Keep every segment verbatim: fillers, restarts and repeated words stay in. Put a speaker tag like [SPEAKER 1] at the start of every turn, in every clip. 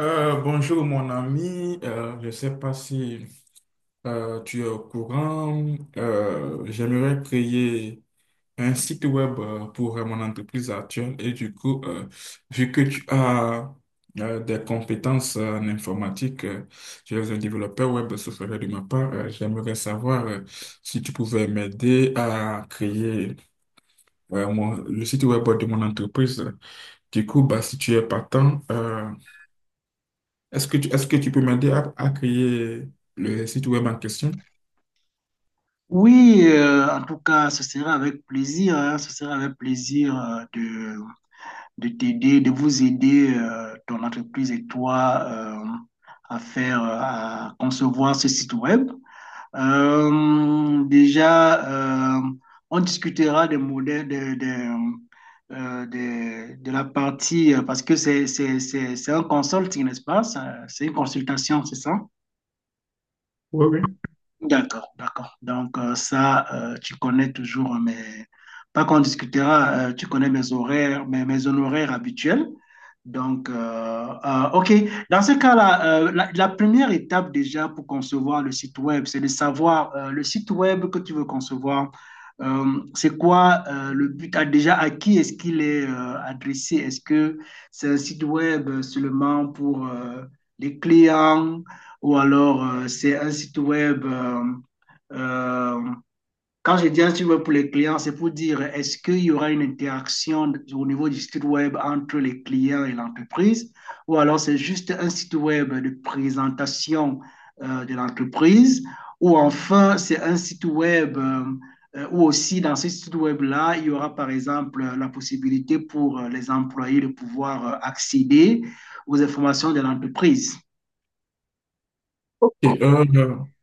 [SPEAKER 1] Euh, bonjour mon ami. Euh, je ne sais pas si euh, tu es au courant. Euh, j'aimerais créer un site web euh, pour euh, mon entreprise actuelle. Et du coup, euh, vu que tu as euh, des compétences euh, en informatique, euh, tu es un développeur web, ce serait de ma part, euh, j'aimerais savoir euh, si tu pouvais m'aider à créer euh, mon- le site web de mon entreprise. Du coup, bah, si tu es partant, euh, est-ce que tu, est-ce que tu peux m'aider à, à créer le site web en question?
[SPEAKER 2] Oui, euh, en tout cas, ce sera avec plaisir, hein, ce sera avec plaisir euh, de, de t'aider, de vous aider, euh, ton entreprise et toi, euh, à faire, euh, à concevoir ce site web. Euh, déjà, euh, on discutera des modèles, des, des, euh, des- de la partie, euh, parce que c'est, c'est, c'est, c'est un consulting, n'est-ce pas? Ça- C'est une consultation, c'est ça?
[SPEAKER 1] Oui, oui.
[SPEAKER 2] D'accord, d'accord. Donc euh, ça, euh, tu connais toujours mes... Pas qu'on discutera, euh, tu connais mes horaires, mes, mes honoraires habituels. Donc, euh, euh, OK. Dans ce cas-là, euh, la, la première étape déjà pour concevoir le site web, c'est de savoir euh, le site web que tu veux concevoir. Euh, c'est quoi euh, le but? Ah, déjà, à qui est-ce qu'il est euh, adressé? Est-ce que c'est un site web seulement pour euh, les clients? Ou alors euh, c'est un site web. euh, euh, Quand je dis un site web pour les clients, c'est pour dire est-ce qu'il y aura une interaction au niveau du site web entre les clients et l'entreprise, ou alors c'est juste un site web de présentation euh, de l'entreprise, ou enfin c'est un site web euh, euh, où aussi dans ce site web-là, il y aura par exemple euh, la possibilité pour euh, les employés de pouvoir euh, accéder aux informations de l'entreprise.
[SPEAKER 1] Et, euh,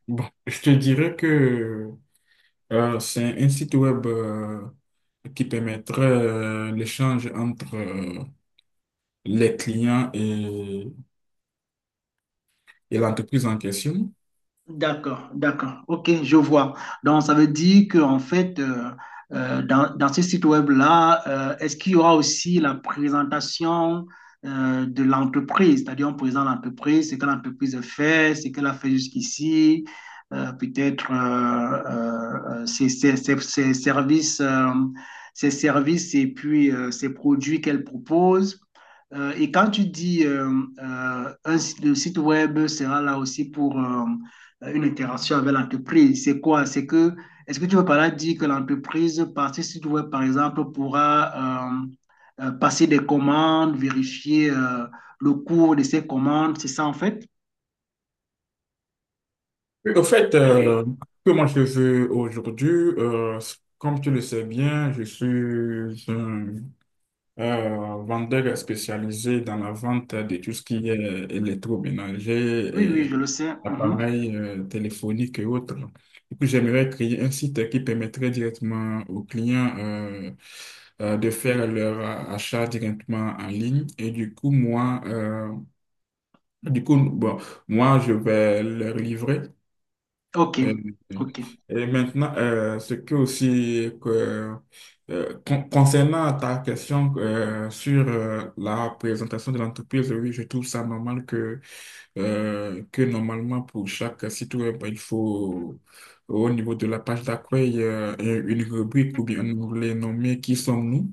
[SPEAKER 1] bon, je te dirais que euh, c'est un site web euh, qui permettrait euh, l'échange entre euh, les clients et l'entreprise en question.
[SPEAKER 2] D'accord, d'accord. OK, je vois. Donc, ça veut dire qu'en fait, euh, euh, dans, dans ce site web-là, euh, est-ce qu'il y aura aussi la présentation euh, de l'entreprise? C'est-à-dire, on présente l'entreprise, ce que l'entreprise a fait, ce qu'elle a fait jusqu'ici, euh, peut-être euh, euh, ses, ses- ses- ses services, euh, ses services et puis euh, ses produits qu'elle propose. Euh, et quand tu dis euh, euh, un site, le site web sera là aussi pour... euh, euh, une interaction avec l'entreprise. C'est quoi? C'est que, est-ce que tu veux par là dire que l'entreprise, par si tu veux, par exemple, pourra euh, euh, passer des commandes, vérifier euh, le cours de ces commandes, c'est ça en fait?
[SPEAKER 1] Oui. Au fait, euh, comment je veux aujourd'hui, euh, comme tu le sais bien, je suis un Euh, vendeur spécialisé dans la vente de tout ce qui est
[SPEAKER 2] Oui,
[SPEAKER 1] électroménager
[SPEAKER 2] oui,
[SPEAKER 1] et
[SPEAKER 2] je le sais. Mhm.
[SPEAKER 1] appareils euh, téléphoniques et autres. Du coup, j'aimerais créer un site qui permettrait directement aux clients euh, euh, de faire leur achat directement en ligne. Et du coup, moi, euh, du coup, bon, moi, je vais leur livrer.
[SPEAKER 2] OK,
[SPEAKER 1] Et,
[SPEAKER 2] OK.
[SPEAKER 1] et maintenant, euh, ce que aussi que, euh, con- concernant ta question euh, sur euh, la présentation de l'entreprise, oui, je trouve ça normal que, euh, que normalement pour chaque site web, bah, il faut au niveau de la page d'accueil euh, une rubrique ou bien un onglet nommé Qui sommes-nous?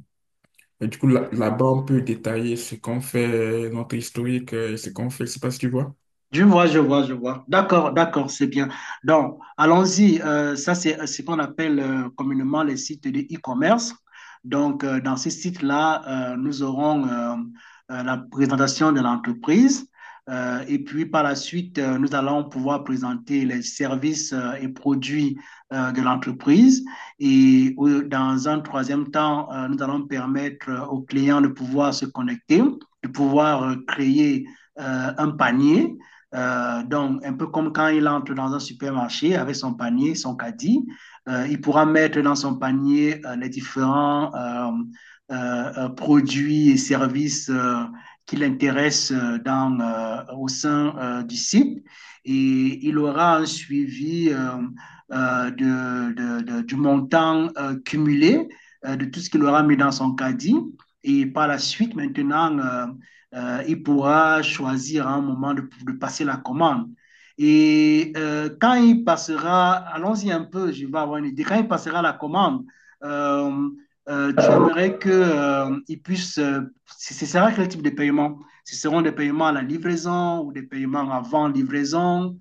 [SPEAKER 1] Et du coup, là- là-bas, on peut détailler ce qu'on fait, notre historique euh, et ce qu'on fait. Je sais pas si tu vois.
[SPEAKER 2] Je vois, je vois, je vois. D'accord, d'accord, c'est bien. Donc, allons-y. Euh, ça, c'est euh, ce qu'on appelle euh, communément les sites de e-commerce. Donc, euh, dans ces sites-là, euh, nous aurons euh, euh, la présentation de l'entreprise. Euh, et puis, par la suite, euh, nous allons pouvoir présenter les services euh, et produits euh, de l'entreprise. Et au- dans un troisième temps, euh, nous allons permettre euh, aux clients de pouvoir se connecter, de pouvoir euh, créer euh, un panier euh, donc, un peu comme quand il entre dans un supermarché avec son panier, son caddie, euh, il pourra mettre dans son panier euh, les différents euh, euh, euh, produits et services euh, qui l'intéressent euh, dans, euh, au sein euh, du site. Et il aura un suivi euh, euh, de, de, de, du montant euh, cumulé euh, de tout ce qu'il aura mis dans son caddie. Et par la suite, maintenant, euh, euh, il pourra choisir à un moment de, de passer la commande. Et euh, quand il passera, allons-y un peu, je vais avoir une idée, quand il passera la commande, euh, euh, tu aimerais que, euh, il puisse, euh, ce sera quel type de paiement? Ce seront des paiements à la livraison ou des paiements avant livraison?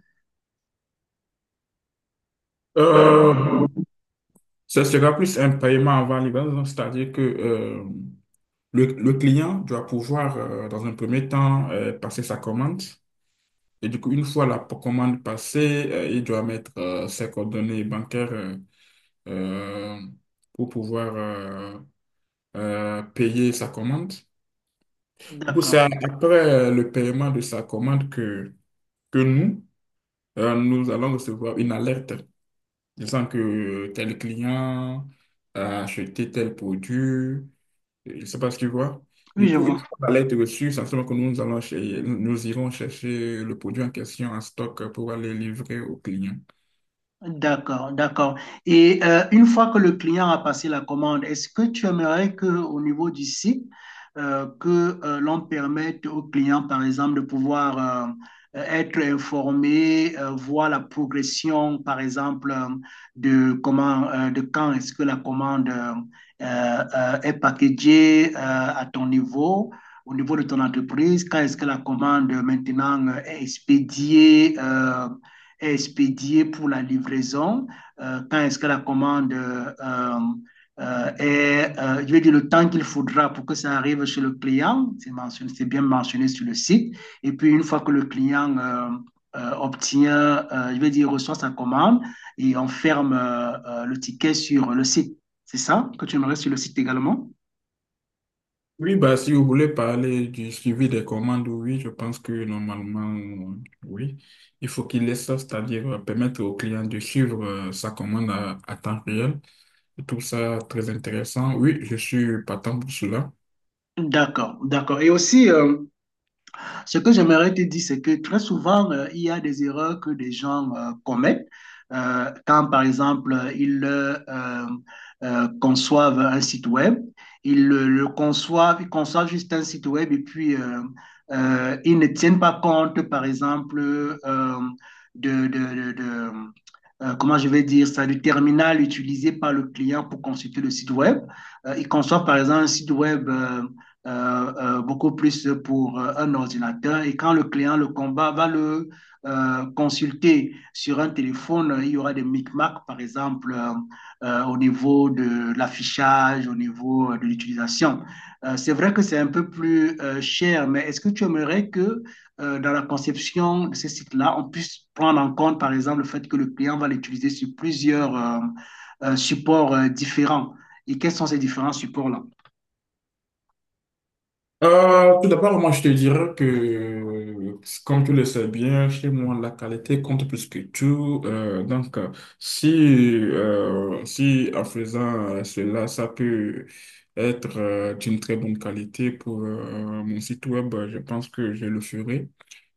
[SPEAKER 1] Euh, Ce sera plus un paiement avant livraison, c'est-à-dire que euh, le le client doit pouvoir, euh, dans un premier temps, euh, passer sa commande. Et du coup, une fois la p- commande passée, euh, il doit mettre euh, ses coordonnées bancaires euh, euh, pour pouvoir euh, euh, payer sa commande. Du coup,
[SPEAKER 2] D'accord.
[SPEAKER 1] c'est après euh, le paiement de sa commande que, que nous, euh, nous allons recevoir une alerte disant que euh, tel client a acheté tel produit. Je ne sais pas si tu vois.
[SPEAKER 2] Oui,
[SPEAKER 1] Du
[SPEAKER 2] je
[SPEAKER 1] coup, une
[SPEAKER 2] vois.
[SPEAKER 1] fois la lettre reçue, ça se que nous allons chez- nous irons chercher le produit en question en stock pour aller livrer au client.
[SPEAKER 2] D'accord, d'accord. Et euh, une fois que le client a passé la commande, est-ce que tu aimerais que, au niveau du site, euh, que euh, l'on permette au client, par exemple, de pouvoir euh, être informé, euh, voir la progression, par exemple, euh, de comment, euh, de quand est-ce que la commande euh, euh, est packagée euh, à ton niveau? Au niveau de ton entreprise, quand est-ce que la commande euh, maintenant euh, est expédiée, euh, est expédiée pour la livraison, euh, quand est-ce que la commande euh, euh, est, euh, je vais dire le temps qu'il faudra pour que ça arrive chez le client, c'est, mentionné, c'est bien mentionné sur le site, et puis une fois que le client euh, euh, obtient, euh, je vais dire, reçoit sa commande et on ferme euh, euh, le ticket sur le site. C'est ça que tu aimerais sur le site également?
[SPEAKER 1] Oui, bah, si vous voulez parler du suivi des commandes, oui, je pense que normalement, oui, il faut qu'il laisse ça, c'est-à-dire euh, permettre au client de suivre euh, sa commande à, à temps réel. Je trouve ça très intéressant. Oui, je suis partant pour cela.
[SPEAKER 2] D'accord, d'accord. Et aussi, euh, ce que j'aimerais te dire, c'est que très souvent, euh, il y a des erreurs que des gens euh, commettent euh, quand, par exemple, ils euh, euh, conçoivent un site web. Ils le, le conçoivent, ils conçoivent juste un site web et puis euh, euh, ils ne tiennent pas compte, par exemple, euh, de, de, de, de- euh, comment je vais dire ça, du terminal utilisé par le client pour consulter le site web. Euh, ils conçoivent, par exemple, un site web. euh, euh, euh, beaucoup plus pour euh, un ordinateur. Et quand le client, le combat, va le euh, consulter sur un téléphone, il y aura des micmacs, par exemple, euh, euh, au niveau de l'affichage, au niveau euh, de l'utilisation. Euh, c'est vrai que c'est un peu plus euh, cher, mais est-ce que tu aimerais que euh, dans la conception de ces sites-là, on puisse prendre en compte, par exemple, le fait que le client va l'utiliser sur plusieurs euh, euh, supports euh, différents? Et quels sont ces différents supports-là?
[SPEAKER 1] Euh, tout d'abord, moi, je te dirais que, euh, comme tu le sais bien, chez moi, la qualité compte plus que tout. Euh, donc, euh, si, euh, si en faisant euh, cela, ça peut être euh, d'une très bonne qualité pour euh, mon site web, je pense que je le ferai.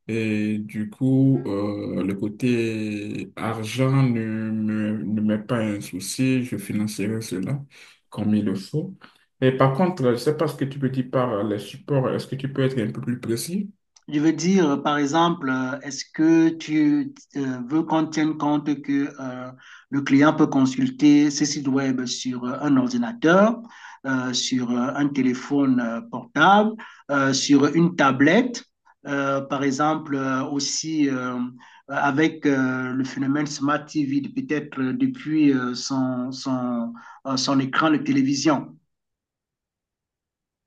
[SPEAKER 1] Et du coup, euh, le côté argent ne me, ne m'est pas un souci, je financerai cela comme il le faut. Et par contre, je ne sais pas ce que tu peux dire par les supports, est-ce que tu peux être un peu plus précis?
[SPEAKER 2] Je veux dire, euh, par exemple, euh, est-ce que tu euh, veux qu'on tienne compte que euh, le client peut consulter ses sites web sur euh, un ordinateur, euh, sur euh, un téléphone euh, portable, euh, sur une tablette, euh, par exemple, euh, aussi euh, avec euh, le phénomène Smart T V, de peut-être euh, depuis euh, son, son, euh, son écran de télévision.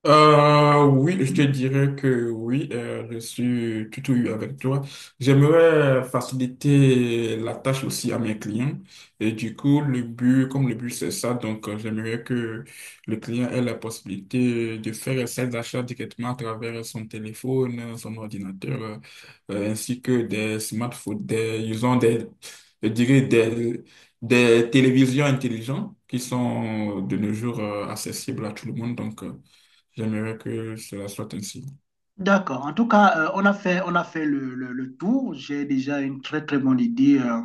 [SPEAKER 1] Euh, oui, je te dirais que oui, euh, je suis tout ouïe avec toi. J'aimerais faciliter la tâche aussi à mes clients. Et du coup, le but, comme le but, c'est ça, donc euh, j'aimerais que le client ait la possibilité de faire ses achats directement à travers son téléphone, son ordinateur, euh, euh, ainsi que des smartphones, des, ils ont des, je dirais des, des télévisions intelligentes qui sont de nos jours euh, accessibles à tout le monde. Donc, euh, j'aimerais que cela soit ainsi.
[SPEAKER 2] D'accord. En tout cas, euh, on a fait, on a fait le, le- le tour. J'ai déjà une très, très bonne idée euh,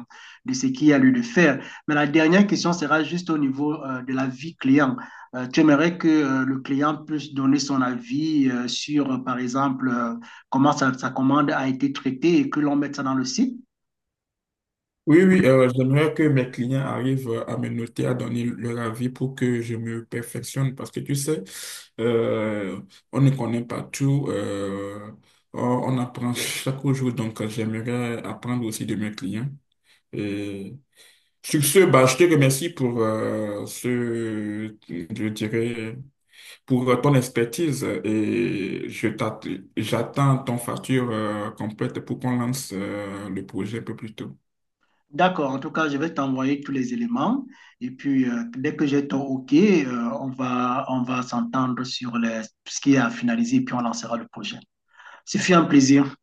[SPEAKER 2] de ce qu'il y a lieu de faire. Mais la dernière question sera juste au niveau euh, de la vie client. Euh, tu aimerais que euh, le client puisse donner son avis euh, sur, euh, par exemple, euh, comment sa, sa commande a été traitée et que l'on mette ça dans le site?
[SPEAKER 1] Oui, oui, euh, j'aimerais que mes clients arrivent euh, à me noter, à donner leur avis pour que je me perfectionne parce que tu sais, euh, on ne connaît pas tout. Euh, on, on apprend chaque jour, donc euh, j'aimerais apprendre aussi de mes clients. Et sur ce, bah, je te remercie pour euh, ce, je dirais, pour euh, ton expertise euh, et je t'att- j'attends ton facture euh, complète pour qu'on lance euh, le projet un peu plus tôt.
[SPEAKER 2] D'accord. En tout cas, je vais t'envoyer tous les éléments. Et puis, euh, dès que j'ai ton OK, euh, on va, on va s'entendre sur les- ce qui est à finaliser et puis on lancera le projet. Ce fut un plaisir.